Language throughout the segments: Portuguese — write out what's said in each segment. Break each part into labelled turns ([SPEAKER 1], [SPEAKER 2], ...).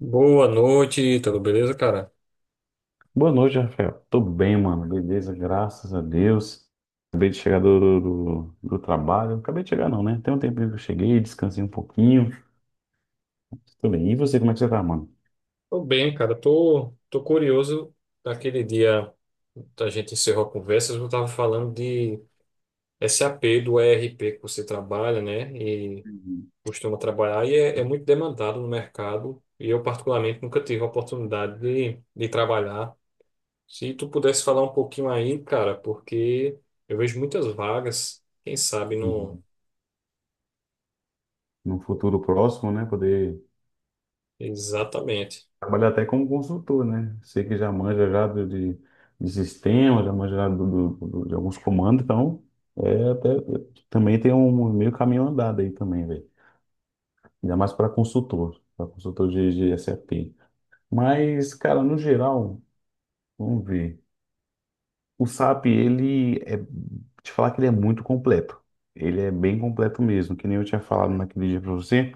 [SPEAKER 1] Boa noite, tudo beleza, cara?
[SPEAKER 2] Boa noite, Rafael. Tô bem, mano. Beleza, graças a Deus. Acabei de chegar do trabalho. Acabei de chegar, não, né? Tem um tempinho que eu cheguei, descansei um pouquinho. Tô bem. E você, como é que você tá, mano?
[SPEAKER 1] Tô bem, cara. Tô curioso daquele dia que a gente encerrou a conversa, eu tava falando de SAP, do ERP que você trabalha, né? E
[SPEAKER 2] Uhum.
[SPEAKER 1] costuma trabalhar e é muito demandado no mercado. E eu, particularmente, nunca tive a oportunidade de trabalhar. Se tu pudesse falar um pouquinho aí, cara, porque eu vejo muitas vagas, quem sabe não.
[SPEAKER 2] Uhum. No futuro próximo, né? Poder
[SPEAKER 1] Exatamente.
[SPEAKER 2] trabalhar até como consultor, né? Sei que já manja já de sistema, já manja já de alguns comandos, então é até também tem um meio caminho andado aí também, velho. Ainda mais para consultor de SAP. Mas, cara, no geral, vamos ver. O SAP, ele é, te falar que ele é muito completo. Ele é bem completo mesmo, que nem eu tinha falado naquele dia para você.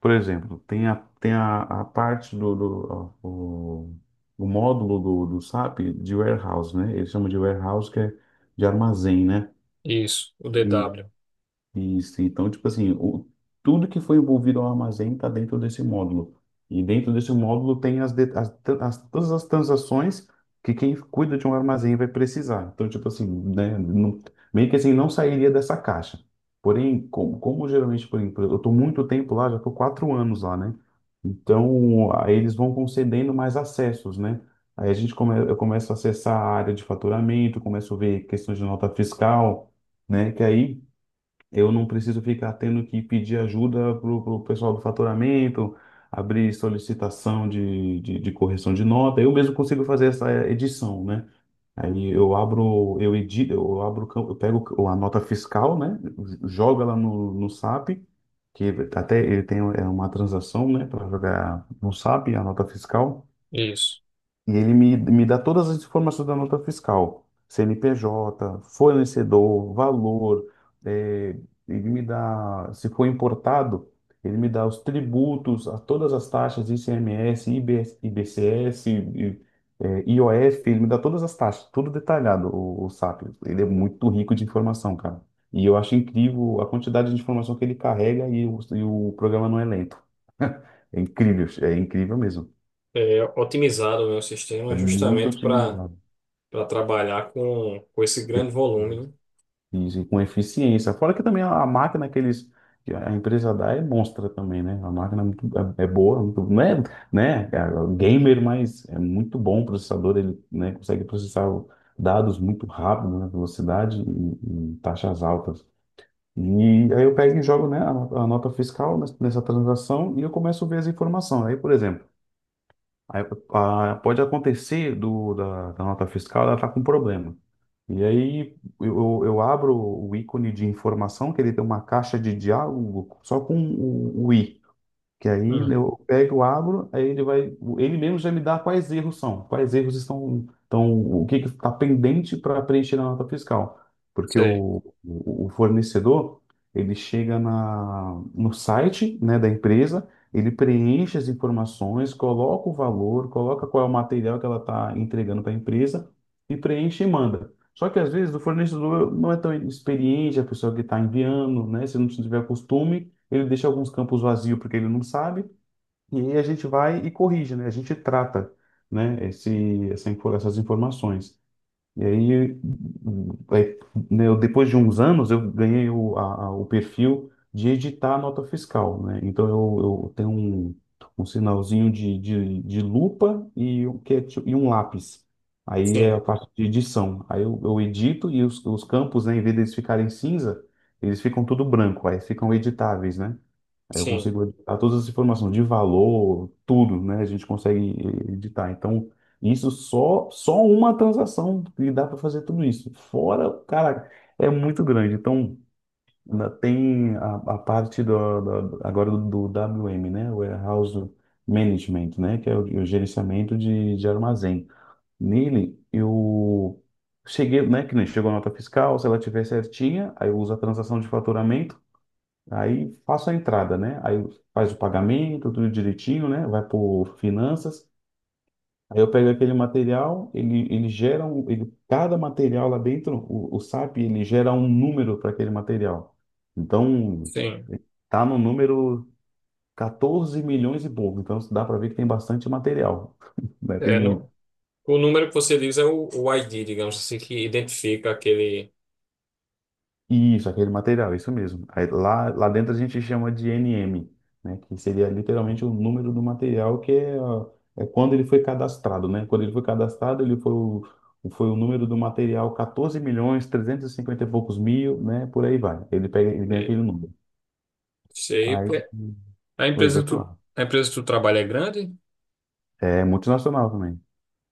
[SPEAKER 2] Por exemplo, tem a parte do, do ó, o módulo do SAP de warehouse, né? Eles chamam de warehouse, que é de armazém, né?
[SPEAKER 1] Isso, o
[SPEAKER 2] E
[SPEAKER 1] DW.
[SPEAKER 2] isso, então, tipo assim, o, tudo que foi envolvido ao armazém está dentro desse módulo. E dentro desse módulo tem as, de- as, tran- as- todas as transações que quem cuida de um armazém vai precisar. Então, tipo assim, né, não, meio que assim, não sairia dessa caixa. Porém, como geralmente, por exemplo, eu estou muito tempo lá, já estou 4 anos lá, né? Então, aí eles vão concedendo mais acessos, né? Aí a gente come, eu começo a acessar a área de faturamento, começo a ver questões de nota fiscal, né? Que aí eu não preciso ficar tendo que pedir ajuda pro pessoal do faturamento, abrir solicitação de correção de nota. Eu mesmo consigo fazer essa edição, né? Aí eu abro, eu edito, eu abro, eu pego a nota fiscal, né? Jogo ela no SAP, que até ele tem é uma transação, né? Para jogar no SAP a nota fiscal.
[SPEAKER 1] Isso.
[SPEAKER 2] E ele me dá todas as informações da nota fiscal, CNPJ, fornecedor, valor, eh, ele me dá, se for importado, ele me dá os tributos, a todas as taxas, ICMS, IBS, IOF, ele me dá todas as taxas, tudo detalhado, o SAP. Ele é muito rico de informação, cara. E eu acho incrível a quantidade de informação que ele carrega e o programa não é lento. É incrível mesmo.
[SPEAKER 1] É, otimizado, né, o
[SPEAKER 2] É
[SPEAKER 1] sistema
[SPEAKER 2] muito
[SPEAKER 1] justamente para
[SPEAKER 2] otimizado.
[SPEAKER 1] para trabalhar com esse grande volume, né?
[SPEAKER 2] Isso, e com eficiência. Fora que também a máquina que eles, que a empresa dá é monstra também, né? A máquina é, muito, é, é boa, muito, não é, né? É gamer, mas é muito bom o processador, ele, né, consegue processar dados muito rápido, na velocidade e taxas altas. E aí eu pego e jogo, né, a nota fiscal nessa transação e eu começo a ver as informações. Aí, por exemplo, aí, pode acontecer da nota fiscal, ela tá com problema. E aí eu abro o ícone de informação, que ele tem uma caixa de diálogo só com o i. Que aí né,
[SPEAKER 1] Hum,
[SPEAKER 2] eu pego, abro, aí ele vai, ele mesmo já me dá quais erros são, quais erros estão, então o que está pendente para preencher na nota fiscal, porque
[SPEAKER 1] sei.
[SPEAKER 2] o fornecedor ele chega no site, né, da empresa, ele preenche as informações, coloca o valor, coloca qual é o material que ela está entregando para a empresa e preenche e manda. Só que às vezes o fornecedor não é tão experiente, a pessoa que está enviando, né, se não tiver costume ele deixa alguns campos vazios porque ele não sabe, e aí a gente vai e corrige, né? A gente trata, né, essas informações. E aí, né, depois de uns anos, eu ganhei o perfil de editar a nota fiscal, né? Então, eu tenho um, um sinalzinho de lupa e, um lápis. Aí é
[SPEAKER 1] Sim,
[SPEAKER 2] a parte de edição. Aí eu edito e os campos, né, em vez deles ficarem cinza, eles ficam tudo branco, aí ficam editáveis, né? Aí eu
[SPEAKER 1] sim,
[SPEAKER 2] consigo editar todas as informações de valor, tudo, né? A gente consegue editar. Então, isso só uma transação que dá para fazer tudo isso. Fora, cara, é muito grande. Então, ainda tem a parte do- agora do, do WM, né? Warehouse Management, né? Que é o gerenciamento de armazém. Nele, eu cheguei, né? Que nem chegou a nota fiscal, se ela tiver certinha, aí eu uso a transação de faturamento. Aí faço a entrada, né? Aí faz o pagamento, tudo direitinho, né? Vai por finanças. Aí eu pego aquele material, ele gera um, ele, cada material lá dentro, o SAP, ele gera um número para aquele material. Então,
[SPEAKER 1] sim.
[SPEAKER 2] tá no número 14 milhões e pouco. Então, dá para ver que tem bastante material, né? Tem
[SPEAKER 1] É
[SPEAKER 2] muito.
[SPEAKER 1] no, O número que você diz é o ID, digamos assim, que identifica aquele
[SPEAKER 2] Isso, aquele material, isso mesmo. Aí, lá dentro a gente chama de NM, né? Que seria literalmente o número do material que é, ó, é quando ele foi cadastrado, né? Quando ele foi cadastrado, foi o número do material 14 milhões, 350 e cinquenta e poucos mil, né? Por aí vai. Ele pega, ele ganha
[SPEAKER 1] é,
[SPEAKER 2] aquele número. Aí,
[SPEAKER 1] shape. A empresa
[SPEAKER 2] vai
[SPEAKER 1] que
[SPEAKER 2] pra
[SPEAKER 1] tu,
[SPEAKER 2] lá.
[SPEAKER 1] a empresa que tu trabalha é grande?
[SPEAKER 2] É multinacional também.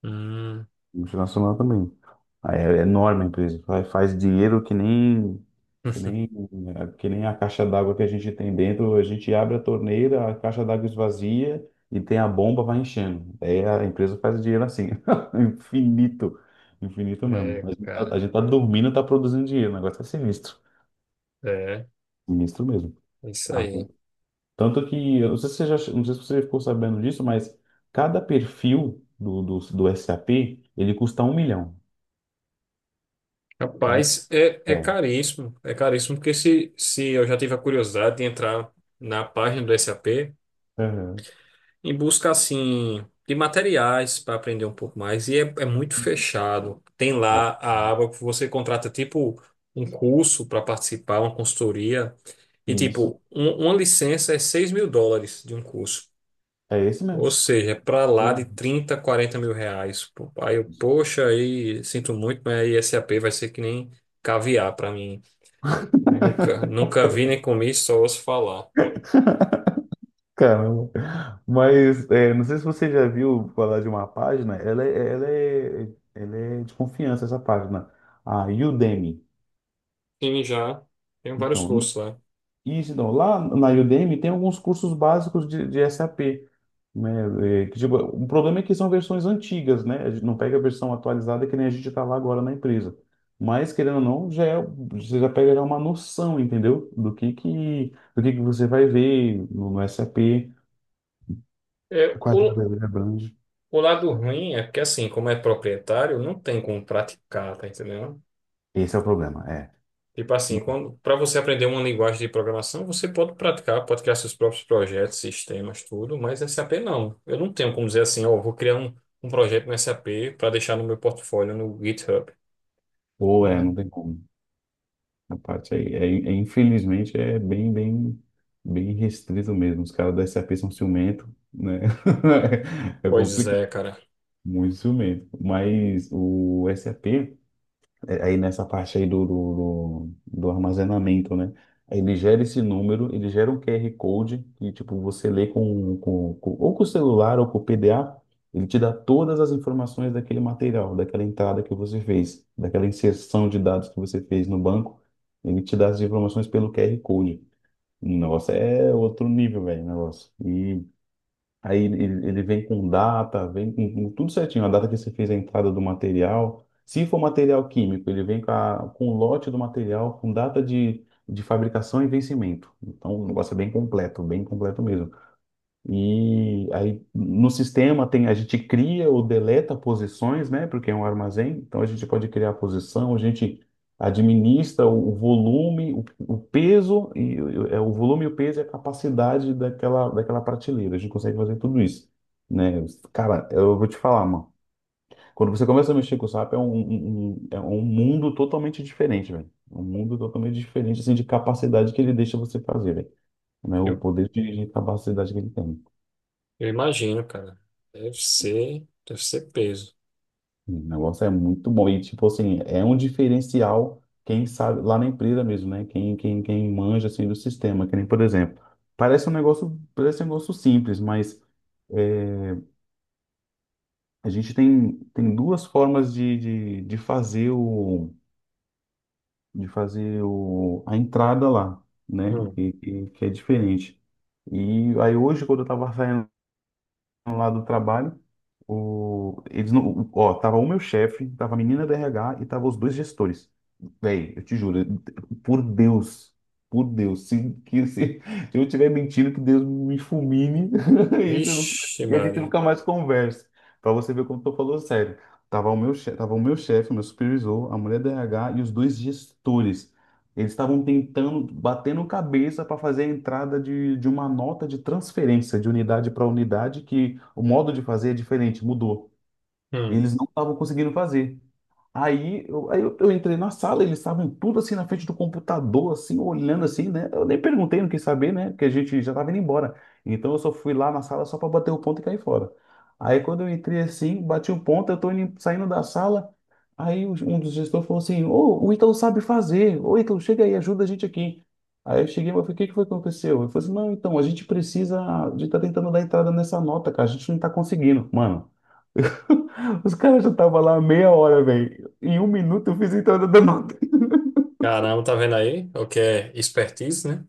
[SPEAKER 1] Hum.
[SPEAKER 2] Multinacional também. Aí é enorme a empresa, faz dinheiro que nem, que nem a caixa d'água que a gente tem dentro. A gente abre a torneira, a caixa d'água esvazia e tem a bomba, vai enchendo. Aí a empresa faz dinheiro assim, infinito, infinito mesmo.
[SPEAKER 1] É,
[SPEAKER 2] A gente tá,
[SPEAKER 1] cara.
[SPEAKER 2] a gente tá dormindo, tá produzindo dinheiro, o negócio é sinistro,
[SPEAKER 1] É,
[SPEAKER 2] sinistro mesmo.
[SPEAKER 1] é isso
[SPEAKER 2] Ah,
[SPEAKER 1] aí.
[SPEAKER 2] tanto que, eu não sei se você já, não sei se você ficou sabendo disso, mas cada perfil do SAP, ele custa um milhão. Cada,
[SPEAKER 1] Rapaz, é
[SPEAKER 2] é,
[SPEAKER 1] caríssimo. É caríssimo porque se eu já tive a curiosidade de entrar na página do SAP,
[SPEAKER 2] Aham.
[SPEAKER 1] em busca assim de materiais para aprender um pouco mais e é muito fechado. Tem
[SPEAKER 2] É.
[SPEAKER 1] lá a aba que você contrata tipo um curso para participar, uma consultoria e
[SPEAKER 2] Isso.
[SPEAKER 1] tipo uma licença é US$ 6.000 de um curso.
[SPEAKER 2] É esse
[SPEAKER 1] Ou
[SPEAKER 2] mesmo.
[SPEAKER 1] seja, é para lá
[SPEAKER 2] Eu-
[SPEAKER 1] de 30 40 mil reais. Pô, aí eu, poxa, aí sinto muito, mas aí SAP vai ser que nem caviar para mim. Nunca, nunca vi nem comi, só ouço falar.
[SPEAKER 2] Caramba. Mas é, não sei se você já viu falar de uma página, ela é de confiança, essa página, a Udemy.
[SPEAKER 1] E já tem vários
[SPEAKER 2] Então,
[SPEAKER 1] cursos lá.
[SPEAKER 2] Isso, então, lá na Udemy tem alguns cursos básicos de SAP, né? É, que, tipo, o problema é que são versões antigas, né? A gente não pega a versão atualizada que nem a gente está lá agora na empresa. Mas, querendo ou não, você já pega já é uma noção, entendeu? Do que você vai ver no SAP,
[SPEAKER 1] É,
[SPEAKER 2] quais
[SPEAKER 1] o,
[SPEAKER 2] áreas ele abrange.
[SPEAKER 1] O lado ruim é porque, assim, como é proprietário, não tem como praticar, tá entendendo?
[SPEAKER 2] Esse é o problema, é.
[SPEAKER 1] Tipo assim, quando para você aprender uma linguagem de programação, você pode praticar, pode criar seus próprios projetos, sistemas, tudo, mas SAP não. Eu não tenho como dizer assim, ó, vou criar um projeto no SAP para deixar no meu portfólio no GitHub.
[SPEAKER 2] Ou é, não
[SPEAKER 1] E-
[SPEAKER 2] tem como. A parte aí, infelizmente, é bem restrito mesmo. Os caras da SAP são ciumento, né? É
[SPEAKER 1] Pois
[SPEAKER 2] complicado,
[SPEAKER 1] é, cara.
[SPEAKER 2] muito ciumento. Mas o SAP aí nessa parte aí do armazenamento, né? Aí ele gera esse número, ele gera um QR Code que, tipo, você lê ou com o celular ou com o PDA, ele te dá todas as informações daquele material, daquela entrada que você fez, daquela inserção de dados que você fez no banco, ele te dá as informações pelo QR Code. Nossa, é outro nível, velho, o negócio. E aí ele, ele vem com data, vem com tudo certinho, a data que você fez a entrada do material. Se for material químico, ele vem com, a, com o lote do material, com data de fabricação e vencimento. Então, o negócio é bem completo mesmo. E aí no sistema tem, a gente cria ou deleta posições, né? Porque é um armazém, então a gente pode criar a posição, a gente administra o volume, o peso, é o volume, o peso e a capacidade daquela prateleira. A gente consegue fazer tudo isso, né? Cara, eu vou te falar, mano. Quando você começa a mexer com o SAP, é é um mundo totalmente diferente, velho. É um mundo totalmente diferente, assim, de capacidade que ele deixa você fazer, velho. Né? O
[SPEAKER 1] Eu,
[SPEAKER 2] poder de capacidade que ele tem.
[SPEAKER 1] eu imagino, cara. Deve ser peso.
[SPEAKER 2] O negócio é muito bom. E, tipo assim, é um diferencial, quem sabe, lá na empresa mesmo, né? Quem manja, assim, do sistema. Que nem, por exemplo, parece um negócio simples, mas é, a gente tem, tem 2 formas de fazer o, de fazer o, a entrada lá, né?
[SPEAKER 1] Hum.
[SPEAKER 2] E que é diferente. E aí hoje, quando eu tava saindo lá do trabalho, o, eles não, o- ó, tava o meu chefe, tava a menina do RH e tava os 2 gestores. Véi, eu te juro, por Deus, por Deus, se, que, se, eu tiver mentindo, que Deus me fulmine, e, isso eu não-
[SPEAKER 1] Vixe,
[SPEAKER 2] e a gente
[SPEAKER 1] Maria.
[SPEAKER 2] nunca mais conversa. Pra você ver como eu tô falando sério. Tava o meu chefe, o meu supervisor, a mulher do RH e os 2 gestores. Eles estavam tentando, batendo cabeça para fazer a entrada de uma nota de transferência de unidade para unidade, que o modo de fazer é diferente, mudou.
[SPEAKER 1] Hum.
[SPEAKER 2] Eles não estavam conseguindo fazer. Aí eu entrei na sala, eles estavam tudo assim na frente do computador, assim, olhando assim, né? Eu nem perguntei, não quis saber, né? Porque a gente já estava indo embora. Então eu só fui lá na sala só para bater o ponto e cair fora. Aí quando eu entrei assim, bati o ponto, eu tô saindo da sala. Aí um dos gestores falou assim: Ô, o Ítalo sabe fazer, ô Ítalo, chega aí, ajuda a gente aqui. Aí eu cheguei, mas o que que foi que aconteceu? Eu falei assim: não, então, a gente precisa de estar tentando dar entrada nessa nota, cara, a gente não está conseguindo. Mano. Os caras já estavam lá há meia hora, velho. Em 1 minuto eu fiz a entrada da nota.
[SPEAKER 1] Caramba, tá vendo aí? O que é expertise, né?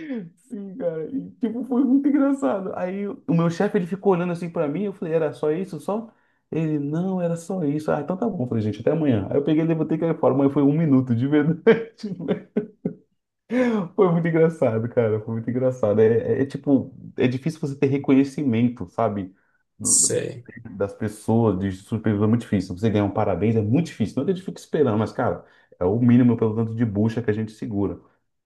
[SPEAKER 2] Sim, cara. E, tipo, foi muito engraçado. Aí o meu chefe, ele ficou olhando assim pra mim. Eu falei, era só isso, só? Ele, não, era só isso. Ah, então tá bom. Eu falei, gente, até amanhã. Aí eu peguei e levantei e caí fora. Mas foi 1 minuto, de verdade. Foi muito engraçado, cara. Foi muito engraçado. É difícil você ter reconhecimento, sabe?
[SPEAKER 1] Sei.
[SPEAKER 2] Das pessoas, de surpresa é muito difícil. Você ganhar um parabéns é muito difícil. Não é que a gente fica esperando, mas, cara, é o mínimo pelo tanto de bucha que a gente segura.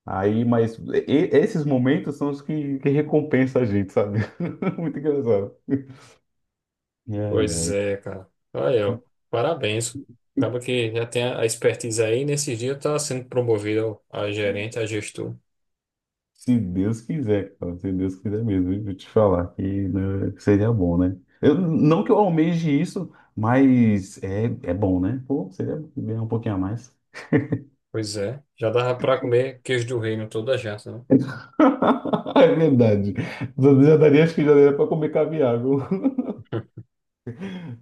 [SPEAKER 2] Aí, mas esses momentos são os que recompensa a gente, sabe? Muito engraçado. Ai,
[SPEAKER 1] Pois
[SPEAKER 2] ai.
[SPEAKER 1] é, cara. Olha, ó,
[SPEAKER 2] Mas
[SPEAKER 1] parabéns. Acaba que já tem a expertise aí, e nesses dias tá sendo promovido a gerente, a gestor.
[SPEAKER 2] se Deus quiser, cara, se Deus quiser mesmo, eu vou te falar que né, seria bom, né? Eu, não que eu almeje isso, é bom, né? Pô, seria bom ganhar um pouquinho a mais.
[SPEAKER 1] Pois é, já dava pra comer queijo do reino toda a janta, né?
[SPEAKER 2] É verdade. Já daria, acho que já daria para comer caviar, viu?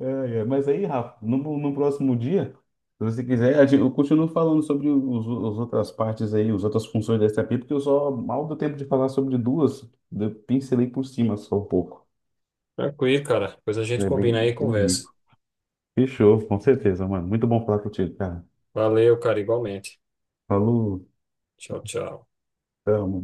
[SPEAKER 2] É, é. Mas aí, Rafa, no próximo dia, se você quiser, eu continuo falando sobre os, as outras partes aí, as outras funções da SAP, porque eu só mal deu tempo de falar sobre duas, eu pincelei por cima só um pouco.
[SPEAKER 1] Tranquilo, cara. Depois a gente
[SPEAKER 2] É bem,
[SPEAKER 1] combina aí e
[SPEAKER 2] bem
[SPEAKER 1] conversa.
[SPEAKER 2] rico. Fechou, com certeza, mano. Muito bom falar contigo, cara.
[SPEAKER 1] Valeu, cara, igualmente.
[SPEAKER 2] Falou,
[SPEAKER 1] Tchau, tchau.
[SPEAKER 2] tamo.